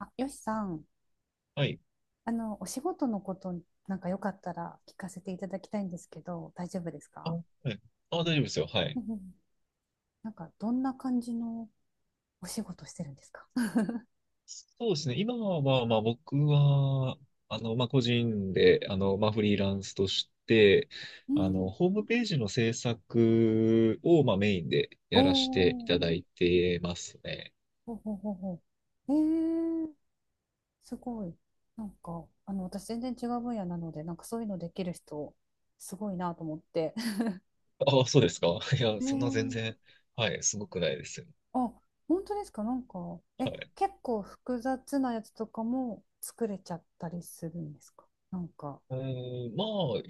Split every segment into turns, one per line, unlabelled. あ、よしさん、
はい。
お仕事のこと、なんかよかったら聞かせていただきたいんですけど、大丈夫です
あ、
か？
はい。あ、大丈夫ですよ。は
う
い。
んうん。なんか、どんな感じのお仕事してるんですか？
そうですね。今は、僕は、個人で、フリーランスとして、
うん。
ホームページの制作を、まあメインで
お
やらせてい
ー、
ただいてますね。
ほうほうほうほう。えー、すごい。なんか、私全然違う分野なので、なんかそういうのできる人、すごいなと思って。
あ、そうですか。いや、
え
そんな全
ー、
然、はい、すごくないですよ。
あ、本当ですか？なんか、え、
はい。
結構複雑なやつとかも作れちゃったりするんですか？なんか。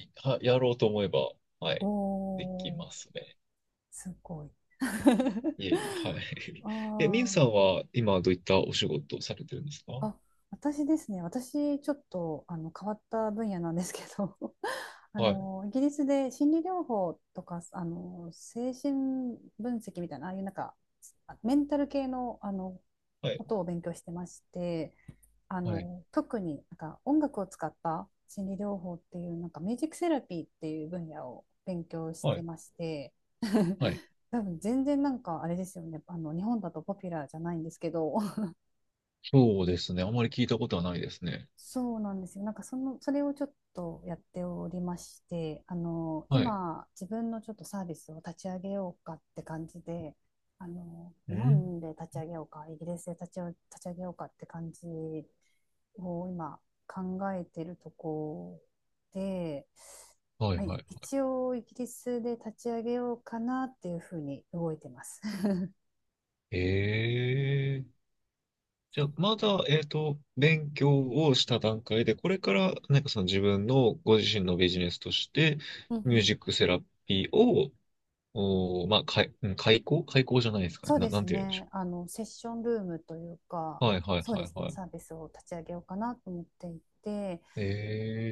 やろうと思えば、は
お
い、できま
ー、
すね。
すごい。
いえいえ、はい。
あ
え、みゆ
ー、
さんは今どういったお仕事をされてるんですか？は
あ、私ですね、私ちょっと変わった分野なんですけど、
い。
イギリスで心理療法とか精神分析みたいな、ああいうなんか、あ、メンタル系の、
はい。
ことを勉強してまして、
はい。
特になんか音楽を使った心理療法っていう、なんかミュージックセラピーっていう分野を勉強し
は
て
い。
まして、
はい。
多分全然なんかあれですよね、日本だとポピュラーじゃないんですけど。
そうですね。あまり聞いたことはないですね。
そうなんですよ。なんかその、それをちょっとやっておりまして、
はい。
今自分のちょっとサービスを立ち上げようかって感じで、
う
日
ん。
本で立ち上げようかイギリスで立ち上げようかって感じを今考えてるとこで、
はいは
まあ、
いはい。
一応イギリスで立ち上げようかなっていうふうに動いてます。
ええ。じゃあ、
そ
まだ、勉強をした段階で、これから、なんかその自分のご自身のビジネスとして、
う。うんう
ミュー
ん。
ジックセラピーを、おー、まあ、かい、うん開講、じゃないですかね。
そうで
な
す
んて言うんでしょ
ね。セッションルームというか、
う。はいはい
そう
は
で
い
す
は
ね、
い。
サービスを立ち上げようかなと思っていて、
え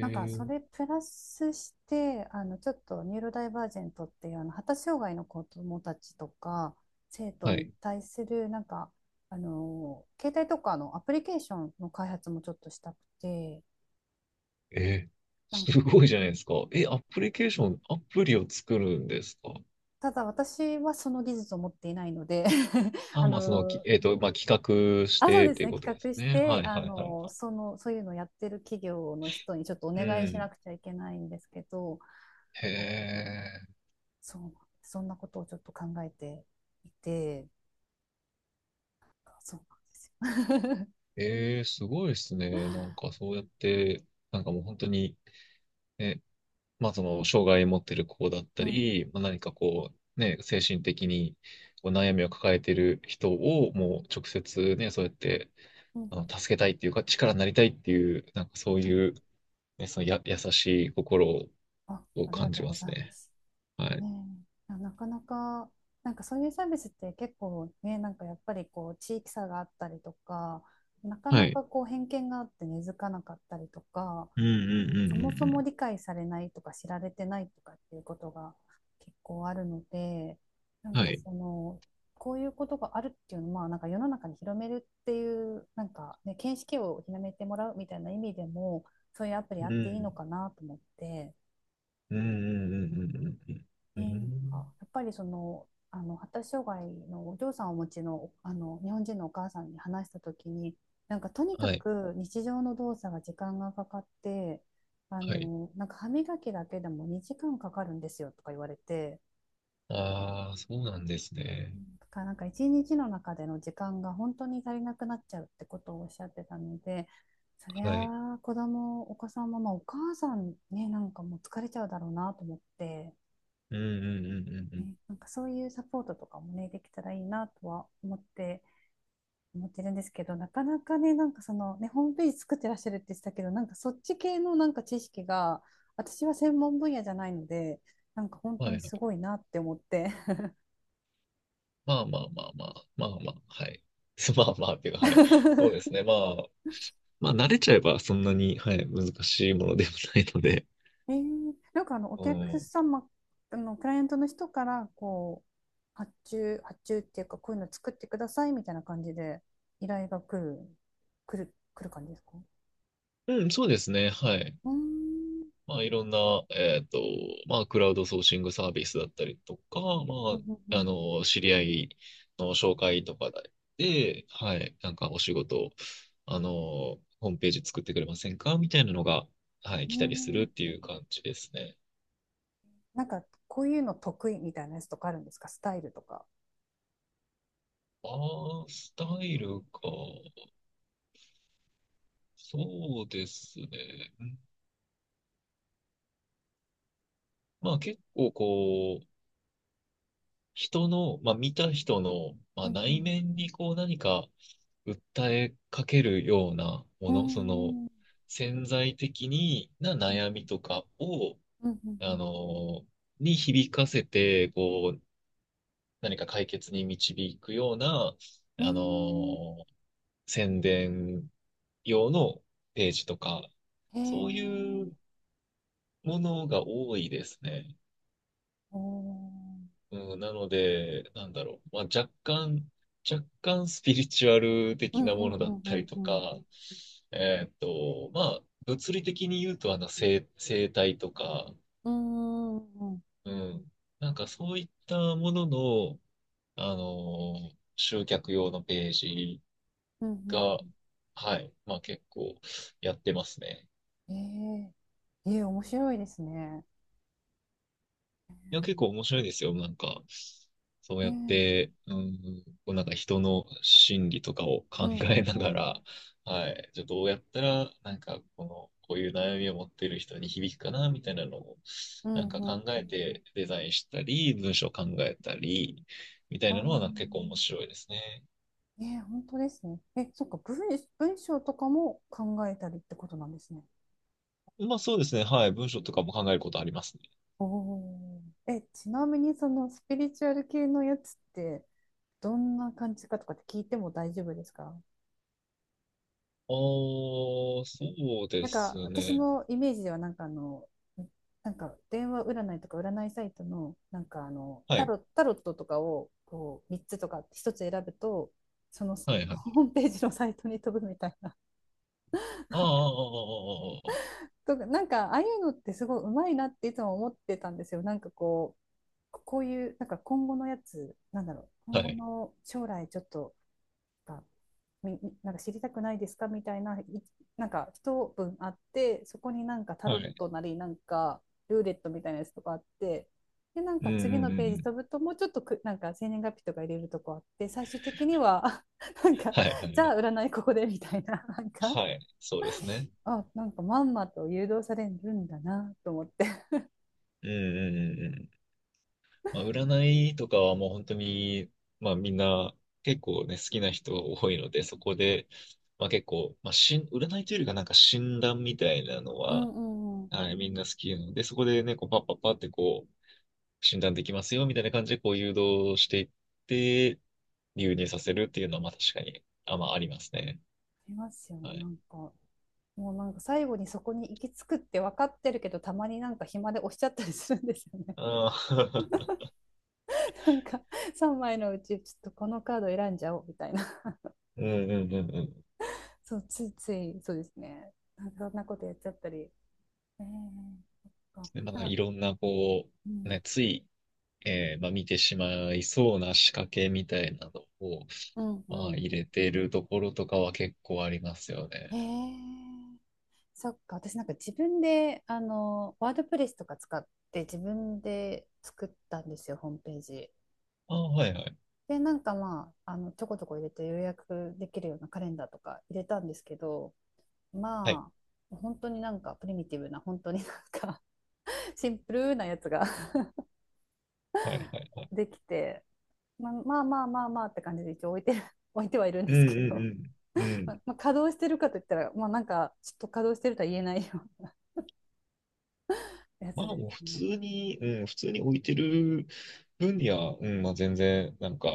なんかそれプラスしてちょっとニューロダイバージェントっていう、発達障害の子どもたちとか生徒
は
に
い。
対するなんか、携帯とかのアプリケーションの開発もちょっとしたくて、
ええ。
なん
すごいじゃないですか。え、アプリケーション、アプリを作るんですか？
ただ私はその技術を持っていないので、 あ
あ、まあ、その、き
の
えっと、まあ、企画し
あ、そう
てっ
です
ていう
ね、
こと
企
です
画し
ね。は
て、
いはいはいはい。
その、そういうのをやってる企業の人にちょっとお
う
願いしな
ん。
くちゃいけないんですけど、
へえ。
そう、そんなことをちょっと考えていて。そうなんですよ。
ええ、すごいですね。なんかそうやって、なんかもう本当に、ね、まあその、障害持ってる子だっ た
うんうん
り、まあ、何かこう、ね、精神的にこう悩みを抱えてる人を、もう直接ね、そうやって、
うん。
助けたいっていうか、力になりたいっていう、なんかそう
はい。
いう、ね、そのや、優しい心
あ、
を
ありが
感
と
じ
う
ま
ござ
す
いま
ね。
す。
は
ね
い。
え、いや、なかなか、なんかそういうサービスって結構ね、なんかやっぱりこう地域差があったりとか、なか
は
な
い。
かこう偏見があって根付かなかったりとか、
うんうんうん
そ
う
も
ん
そ
う
も
ん。
理解されないとか知られてないとかっていうことが結構あるので、なん
は
か
い。
その、こういうことがあるっていうのは、まあなんか世の中に広めるっていう、なんかね、見識を広めてもらうみたいな意味でも、そういうアプリあっ
う
ていいの
ん。
かなと思って、
うんうんうんうんうんうん。
ね、
う
なんか
ん。
やっぱりその、発達障害のお嬢さんをお持ちの、日本人のお母さんに話した時に、なんかとにか
はい。
く日常の動作が時間がかかって、
はい。
なんか歯磨きだけでも2時間かかるんですよとか言われて、
ああ、そうなんですね。
だからなんか一日の中での時間が本当に足りなくなっちゃうってことをおっしゃってたので、そり
はい。
ゃあお子さんも、まあ、お母さんね、なんかもう疲れちゃうだろうなと思って。
うんうんうんうんうん。
ね、なんかそういうサポートとかもね、できたらいいなとは思ってるんですけど、なかなかね、なんかそのね、ホームページ作ってらっしゃるって言ってたけど、なんかそっち系のなんか知識が、私は専門分野じゃないので、なんか本
は
当
いは
にす
い。
ごいなって思って。
まあまあまあまあ。まあまあ。はい。まあまあっていうか、はい。そうです ね。まあ。まあ、慣れちゃえばそんなに、はい、難しいものでもないので。
えー、なんかあのお
う
客
ん。
様、あのクライアントの人からこう発注っていうか、こういうの作ってくださいみたいな感じで依頼が来る、来る、来る感じですか？
うん、そうですね。はい。
うーん、
まあ、いろんな、クラウドソーシングサービスだったりとか、
うんうんうん。
知り合いの紹介とかで、はい、なんかお仕事、ホームページ作ってくれませんかみたいなのが、はい、
うー
来たりする
ん、
っていう感じですね。
なんかこういうの得意みたいなやつとかあるんですか？スタイルとか。
ああ、スタイルか。そうですね。うん。まあ、結構こう、人の、まあ、見た人の、ま
う
あ、
んう
内
ん。
面にこう何か、訴えかけるような
う
も
ー
の、その
ん。
潜在的にな
うん
悩みとかを、
う
あ
ん
の、に響かせて、こう、何か解決に導くような、
うん。
あ
うー
の、宣伝用のページとか、
ん、
そうい
へえ。
うものが多いですね。
おー。
うん、なので、なんだろう。若干スピリチュアル
う
的
ん
な
う
も
ん
のだっ
う
たり
ん
と
う
か、
ん
まあ、物理的に言うと、あの、生態とか、
うん。うーん。うん
うん。なんかそういったものの、集客用のページ
うん
が、はい。まあ結構やってますね。
うん。へえ。ええ、面白いですね。
いや、結構面白いですよ。なんか、そう
ね
やっ
え。
て、うん、こうなんか人の心理とかを
う
考
んう
えな
ん
が
うん
ら、はい、じゃあどうやったら、こういう悩みを持っている人に響くかな、みたいなのを、
う
な
ん
んか
うん
考
う
え
ん。
てデザインしたり、文章を考えたり、みたい
あ
なのはなんか結構面
あ。
白いですね。
ねえ、え本当ですね。え、そっか、文章とかも考えたりってことなんですね。
まあそうですね、はい、文章とかも考えることありますね。
おー、え、ちなみにそのスピリチュアル系のやつってどんな感じかとかって聞いても大丈夫ですか？
そう
な
で
んか
す
私
ね。
のイメージではなんかあの、なんか電話占いとか占いサイトのなんかあの
はい、
タロットとかをこう3つとか1つ選ぶと、その
はい、はい。
ホームページのサイトに飛ぶみたいな。
ああ、ああ、あ
とか、なんかああいうのってすごいうまいなっていつも思ってたんですよ。なんかこう、こういうなんか今後のやつ、なんだろう、
あ、あ
今
あ、は
後
い。
の将来ちょっと、か、みなんか知りたくないですかみたいな、なんか一文あって、そこになんかタロ
は
ッ
い。
トなりなんかルーレットみたいなやつとかあって、でなん
うん
か
う
次
んう
の
んう
ページ
ん。
飛ぶと、もうちょっと、く、なんか生年月日とか入れるとこあって、最終的には、あ、 なんか、
はいは
じ
いは
ゃ
い。
あ占いここでみたいな。 なんか、
はい、そうですね。
あ、なんかまんまと誘導されるんだなと思って。
うん。うんうんうんうん。まあ、占いとかはもう本当に、まあみんな結構ね、好きな人が多いので、そこで、まあ結構、まあしん、占いというよりかなんか診断みたいなの
うん
は、
うんうん。あ
はい、みんな好きなので、そこでね、こうパッパッパってこう、診断できますよみたいな感じでこう誘導していって、流入させるっていうのはまあ確かに、まあありますね。
りますよね、
は
な
い。
んか。もうなんか最後にそこに行き着くって分かってるけど、たまになんか暇で押しちゃったりするんですよね。
ああ、
なんか3枚のうちちょっとこのカード選んじゃおうみたいな。
うんうんうんうん。
そう、ついつい、そうですね、なんかそんなことやっちゃったり、えー、そっか
でまあ、
あ。
いろんな、
うん
ね、つい、まあ、見てしまいそうな仕掛けみたいなのを、
うん
まあ、
う
入れてるところとかは結構ありますよ
ん。
ね。
えー、そっか、私なんか自分でワードプレスとか使って自分で作ったんですよ、ホームページ。
ああ、はいはい。
でなんか、まああの、ちょこちょこ入れて予約できるようなカレンダーとか入れたんですけど、
はい、
まあ本当になんかプリミティブな、本当になんか、 シンプルなやつが
はい、はい、はい。
できて、まあ、まあまあまあまあって感じで一応置いて 置いてはいるん
う
で
ん
すけ
う
ど、
んうん。う
ま
ん。
あ、まあ稼働してるかといったら、まあ、なんかちょっと稼働してるとは言えないようなや
ま
つ
あ
で
もう
す
普通
ね。
に、うん、普通に置いてる分には、うん、まあ全然、なんか、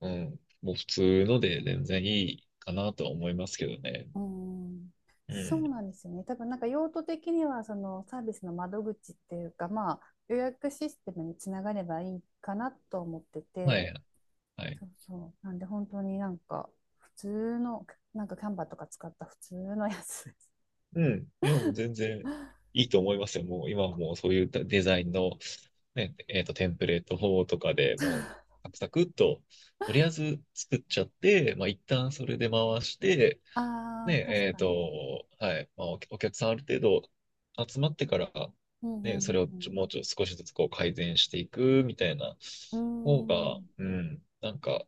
うん、もう普通ので全然いいかなとは思いますけどね。
うーん、
う
そ
ん。
うなんですよね。多分なんか用途的にはそのサービスの窓口っていうか、まあ、予約システムにつながればいいかなと思って
はい、
て、
はい。
そうそう。なんで本当になんか普通の、なんかキャンバーとか使った普通のやつです。
うん。いや、もう全然 いいと思いますよ。もう今はもうそういうデザインの、ね、テンプレート法とかでもう、サクサクっと、とりあえず作っちゃって、まあ、一旦それで回して、
ああ、
ね、
確かに。
はい、まあ、お客さんある程度集まってから、
うんう
ね、
んう
そ
ん
れを
う
ちょ
ん。
もうちょっと少しずつこう改善していくみたいな
うー
方が、
ん、
うん、なんか、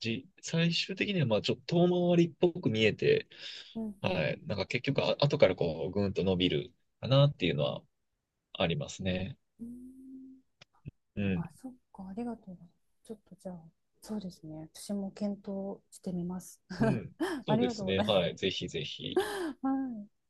最終的にはまあちょっと遠回りっぽく見えて、
うん、う
はい。
ん。
なんか結局、あ、後からこう、ぐんと伸びるかなっていうのはありますね。
うーん、
うん。
あ、そっか、ありがとうございます。ちょっとじゃあ、そうですね、私も検討してみます。
う ん。そ
あ
う
り
で
がと
す
うご
ね。
ざいま
はい。
す。
ぜひぜひ。
はい。